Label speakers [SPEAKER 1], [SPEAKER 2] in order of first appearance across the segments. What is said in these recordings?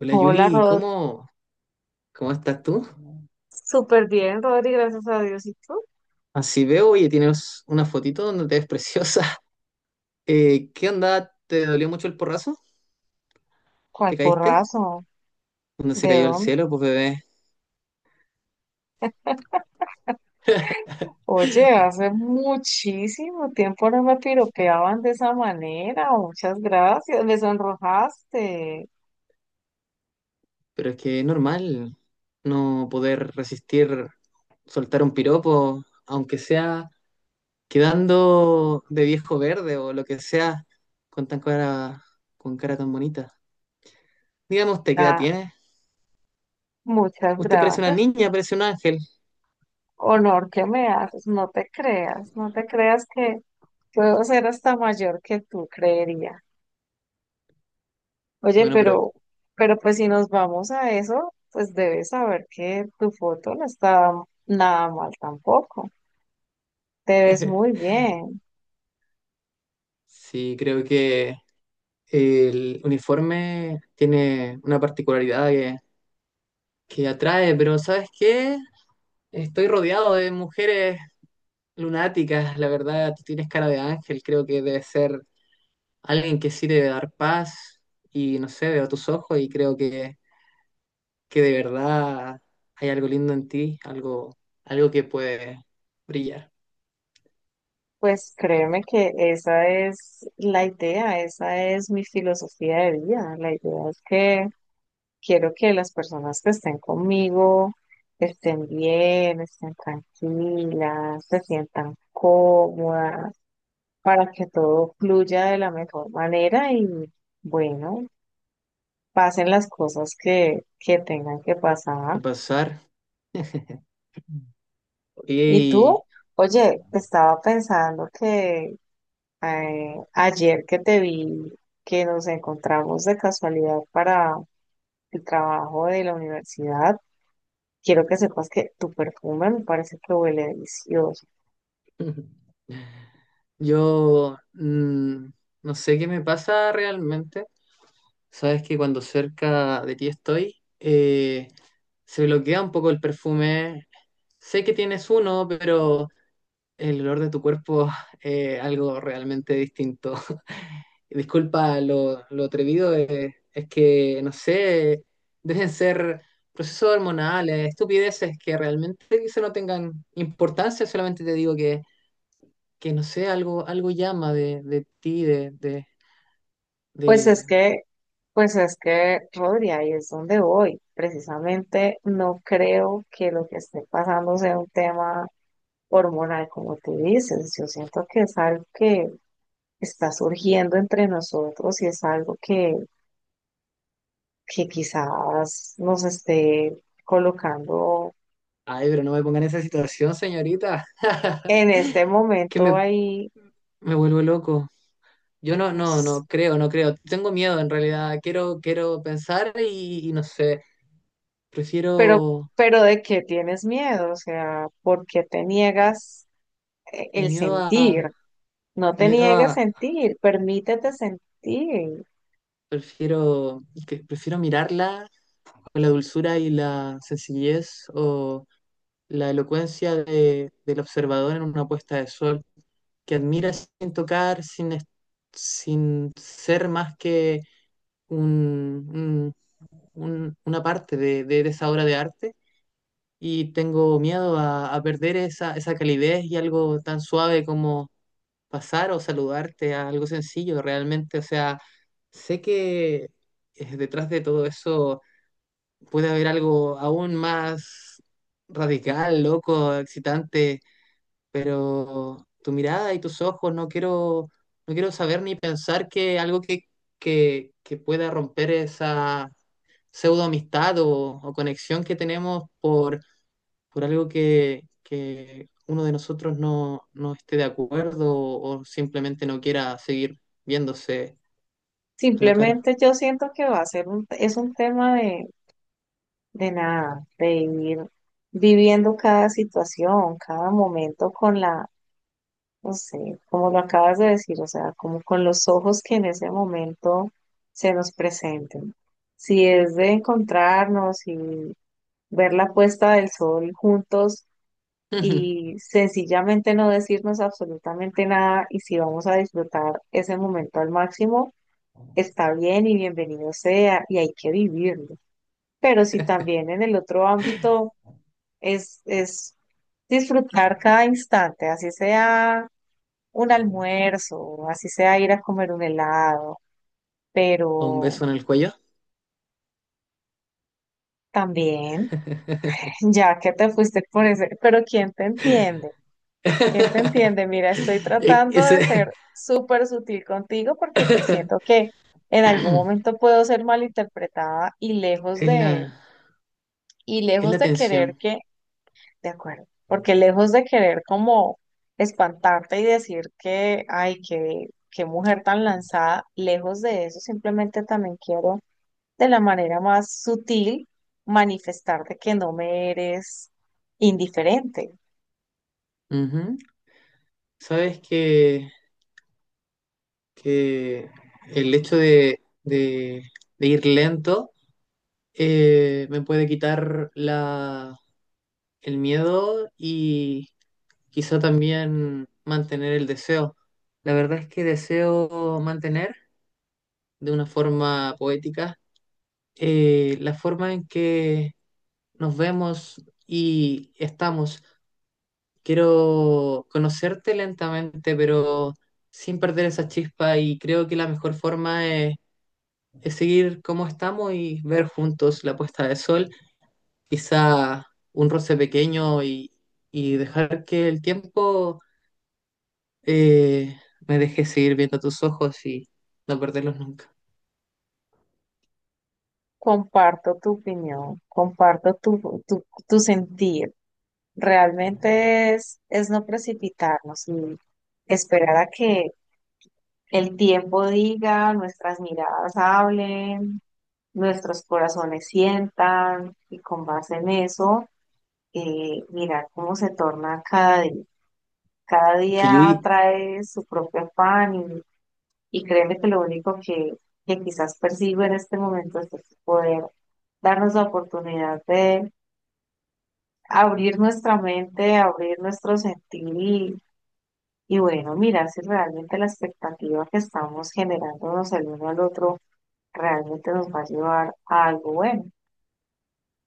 [SPEAKER 1] Hola
[SPEAKER 2] Hola,
[SPEAKER 1] Yuli,
[SPEAKER 2] Rod.
[SPEAKER 1] ¿cómo estás tú?
[SPEAKER 2] Súper bien, Rodri, gracias a Dios. ¿Y tú?
[SPEAKER 1] Así veo, oye, tienes una fotito donde te ves preciosa. ¿Qué onda? ¿Te dolió mucho el porrazo?
[SPEAKER 2] ¿Cuál
[SPEAKER 1] ¿Te caíste?
[SPEAKER 2] porrazo?
[SPEAKER 1] ¿Dónde se
[SPEAKER 2] ¿De
[SPEAKER 1] cayó el
[SPEAKER 2] dónde?
[SPEAKER 1] cielo, pues bebé?
[SPEAKER 2] Oye, hace muchísimo tiempo no me piropeaban de esa manera. Muchas gracias. Me sonrojaste.
[SPEAKER 1] Pero es que es normal no poder resistir soltar un piropo, aunque sea quedando de viejo verde o lo que sea, con tan cara, con cara tan bonita. Digamos, ¿te qué edad
[SPEAKER 2] Ah,
[SPEAKER 1] tienes?
[SPEAKER 2] muchas
[SPEAKER 1] Usted parece una
[SPEAKER 2] gracias.
[SPEAKER 1] niña, parece un ángel.
[SPEAKER 2] Honor que me haces. No te creas, no te creas que puedo ser hasta mayor que tú creería. Oye,
[SPEAKER 1] Bueno, pero
[SPEAKER 2] pero pues si nos vamos a eso, pues debes saber que tu foto no está nada mal tampoco. Te ves muy bien.
[SPEAKER 1] sí, creo que el uniforme tiene una particularidad que atrae, pero ¿sabes qué? Estoy rodeado de mujeres lunáticas, la verdad, tú tienes cara de ángel, creo que debe ser alguien que sí debe dar paz y no sé, veo tus ojos y creo que de verdad hay algo lindo en ti, algo, algo que puede brillar
[SPEAKER 2] Pues créeme que esa es la idea, esa es mi filosofía de vida. La idea es que quiero que las personas que estén conmigo estén bien, estén tranquilas, se sientan cómodas, para que todo fluya de la mejor manera y bueno, pasen las cosas que tengan que
[SPEAKER 1] y
[SPEAKER 2] pasar.
[SPEAKER 1] pasar.
[SPEAKER 2] ¿Y tú?
[SPEAKER 1] Y
[SPEAKER 2] Oye, estaba pensando que ayer que te vi, que nos encontramos de casualidad para el trabajo de la universidad, quiero que sepas que tu perfume me parece que huele delicioso.
[SPEAKER 1] Yo no sé qué me pasa realmente. Sabes que cuando cerca de ti estoy, eh, se bloquea un poco el perfume. Sé que tienes uno, pero el olor de tu cuerpo es algo realmente distinto. Disculpa lo atrevido, es que, no sé, deben ser procesos hormonales, estupideces que realmente quizá no tengan importancia, solamente te digo que no sé, algo llama de ti,
[SPEAKER 2] Pues es
[SPEAKER 1] de...
[SPEAKER 2] que, pues es que, Rodri, ahí es donde voy. Precisamente no creo que lo que esté pasando sea un tema hormonal, como tú dices. Yo siento que es algo que está surgiendo entre nosotros y es algo que quizás nos esté colocando
[SPEAKER 1] Ay, pero no me ponga en esa situación, señorita.
[SPEAKER 2] en este
[SPEAKER 1] Que
[SPEAKER 2] momento
[SPEAKER 1] me,
[SPEAKER 2] ahí,
[SPEAKER 1] me vuelvo loco. Yo no,
[SPEAKER 2] no
[SPEAKER 1] no, no creo, no creo. Tengo miedo en realidad. Quiero pensar y no sé.
[SPEAKER 2] pero,
[SPEAKER 1] Prefiero
[SPEAKER 2] pero de qué tienes miedo, o sea, ¿por qué te niegas
[SPEAKER 1] el
[SPEAKER 2] el
[SPEAKER 1] miedo a,
[SPEAKER 2] sentir? No te
[SPEAKER 1] miedo
[SPEAKER 2] niegues
[SPEAKER 1] a,
[SPEAKER 2] sentir, permítete sentir.
[SPEAKER 1] prefiero, prefiero mirarla con la dulzura y la sencillez o la elocuencia del observador en una puesta de sol, que admiras sin tocar, sin ser más que un, un- una parte de esa obra de arte. Y tengo miedo a perder esa calidez y algo tan suave como pasar o saludarte a algo sencillo realmente. O sea, sé que detrás de todo eso puede haber algo aún más radical, loco, excitante, pero tu mirada y tus ojos, no quiero saber ni pensar que algo que pueda romper esa pseudo amistad o conexión que tenemos por algo que uno de nosotros no, no esté de acuerdo o simplemente no quiera seguir viéndose a la cara.
[SPEAKER 2] Simplemente yo siento que va a ser es un tema de nada, de ir viviendo cada situación, cada momento con la. No sé, como lo acabas de decir, o sea, como con los ojos que en ese momento se nos presenten. Si es de encontrarnos y ver la puesta del sol juntos y sencillamente no decirnos absolutamente nada y si vamos a disfrutar ese momento al máximo, está bien y bienvenido sea y hay que vivirlo. Pero si también en el otro ámbito es disfrutar cada instante, así sea un almuerzo, así sea ir a comer un helado,
[SPEAKER 1] O un
[SPEAKER 2] pero
[SPEAKER 1] beso en el cuello.
[SPEAKER 2] también, ya que te fuiste por ese, pero ¿quién te entiende? ¿Quién te entiende? Mira, estoy
[SPEAKER 1] E-
[SPEAKER 2] tratando de
[SPEAKER 1] Ese
[SPEAKER 2] ser súper sutil contigo porque siento que en algún momento puedo ser malinterpretada y
[SPEAKER 1] es la,
[SPEAKER 2] y
[SPEAKER 1] es
[SPEAKER 2] lejos
[SPEAKER 1] la
[SPEAKER 2] de querer
[SPEAKER 1] tensión.
[SPEAKER 2] que, de acuerdo, porque lejos de querer como espantarte y decir que, ay, que qué mujer tan lanzada, lejos de eso, simplemente también quiero de la manera más sutil manifestar de que no me eres indiferente.
[SPEAKER 1] Ujú. Sabes que el hecho de ir lento, me puede quitar el miedo y quizá también mantener el deseo. La verdad es que deseo mantener de una forma poética, la forma en que nos vemos y estamos. Quiero conocerte lentamente, pero sin perder esa chispa y creo que la mejor forma es seguir como estamos y ver juntos la puesta de sol, quizá un roce pequeño, y dejar que el tiempo, eh, me deje seguir viendo tus ojos y no perderlos nunca.
[SPEAKER 2] Comparto tu opinión, comparto tu sentir. Realmente es no precipitarnos y esperar a que el tiempo diga, nuestras miradas hablen, nuestros corazones sientan y con base en eso, mirar cómo se torna cada día. Cada
[SPEAKER 1] Que
[SPEAKER 2] día
[SPEAKER 1] Yuri,
[SPEAKER 2] trae su propio afán. Y créeme que lo único que quizás persigo en este momento es poder darnos la oportunidad de abrir nuestra mente, abrir nuestro sentir y bueno, mirar si realmente la expectativa que estamos generándonos el uno al otro realmente nos va a llevar a algo bueno.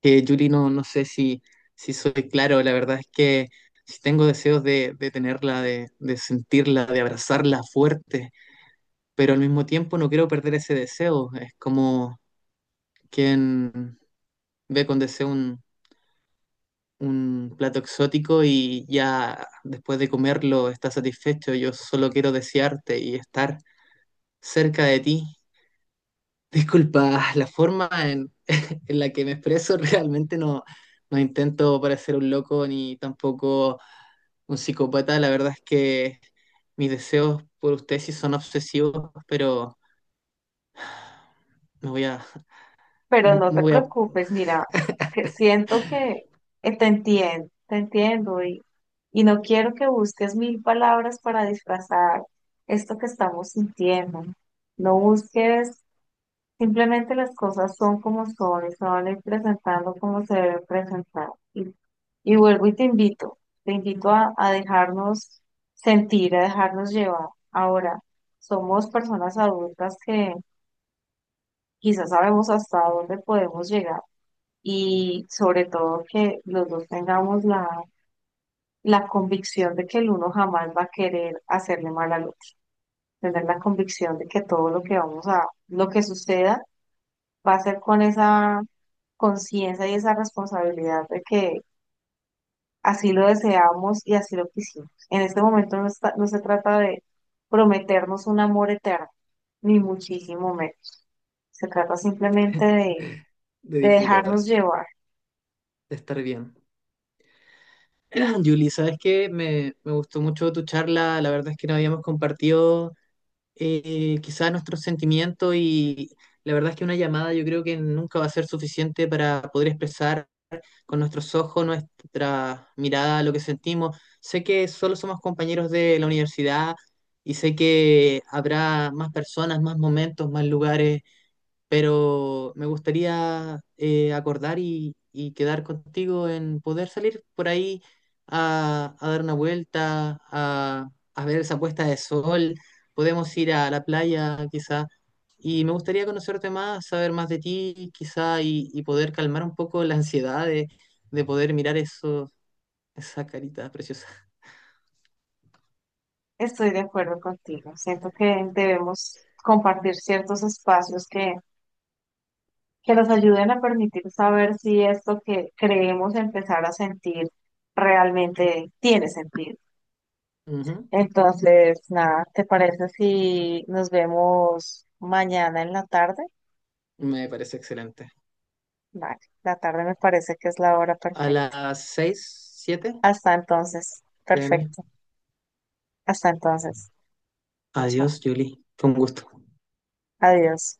[SPEAKER 1] que Yuri, no, no sé si, soy claro, la verdad es que si tengo deseos de tenerla, de sentirla, de abrazarla fuerte, pero al mismo tiempo no quiero perder ese deseo, es como quien ve con deseo un plato exótico y ya después de comerlo estás satisfecho. Yo solo quiero desearte y estar cerca de ti. Disculpa, la forma en, en la que me expreso, realmente no, no intento parecer un loco ni tampoco un psicópata. La verdad es que mis deseos por usted sí son obsesivos, pero me voy a,
[SPEAKER 2] Pero no
[SPEAKER 1] me
[SPEAKER 2] te
[SPEAKER 1] voy a
[SPEAKER 2] preocupes, mira, que siento que te entiendo y no quiero que busques mil palabras para disfrazar esto que estamos sintiendo. No busques, simplemente las cosas son como son y se van a ir presentando como se deben presentar. Y, y vuelvo y te invito a dejarnos sentir, a dejarnos llevar. Ahora, somos personas adultas que quizás sabemos hasta dónde podemos llegar y sobre todo que los dos tengamos la, la convicción de que el uno jamás va a querer hacerle mal al otro, tener la convicción de que todo lo que vamos a, lo que suceda va a ser con esa conciencia y esa responsabilidad de que así lo deseamos y así lo quisimos. En este momento no está- no se trata de prometernos un amor eterno, ni muchísimo menos. Se trata simplemente
[SPEAKER 1] de
[SPEAKER 2] de
[SPEAKER 1] disfrutar,
[SPEAKER 2] dejarnos llevar.
[SPEAKER 1] de estar bien. Julie, sabes que me gustó mucho tu charla. La verdad es que no habíamos compartido, quizás nuestros sentimientos y la verdad es que una llamada yo creo que nunca va a ser suficiente para poder expresar con nuestros ojos, nuestra mirada, lo que sentimos. Sé que solo somos compañeros de la universidad y sé que habrá más personas, más momentos, más lugares, pero me gustaría, acordar y quedar contigo en poder salir por ahí a dar una vuelta, a ver esa puesta de sol. Podemos ir a la playa quizá. Y me gustaría conocerte más, saber más de ti quizá, y poder calmar un poco la ansiedad de poder mirar eso, esa carita preciosa.
[SPEAKER 2] Estoy de acuerdo contigo. Siento que debemos compartir ciertos espacios que nos ayuden a permitir saber si esto que creemos empezar a sentir realmente tiene sentido.
[SPEAKER 1] Ujú.
[SPEAKER 2] Entonces, nada, ¿te parece si nos vemos mañana en la tarde?
[SPEAKER 1] Me parece excelente.
[SPEAKER 2] Vale, la tarde me parece que es la hora
[SPEAKER 1] A
[SPEAKER 2] perfecta.
[SPEAKER 1] las 6,
[SPEAKER 2] Hasta entonces,
[SPEAKER 1] 7 pm.
[SPEAKER 2] perfecto. Hasta entonces, chao.
[SPEAKER 1] Adiós, Julie. Fue un gusto.
[SPEAKER 2] Adiós.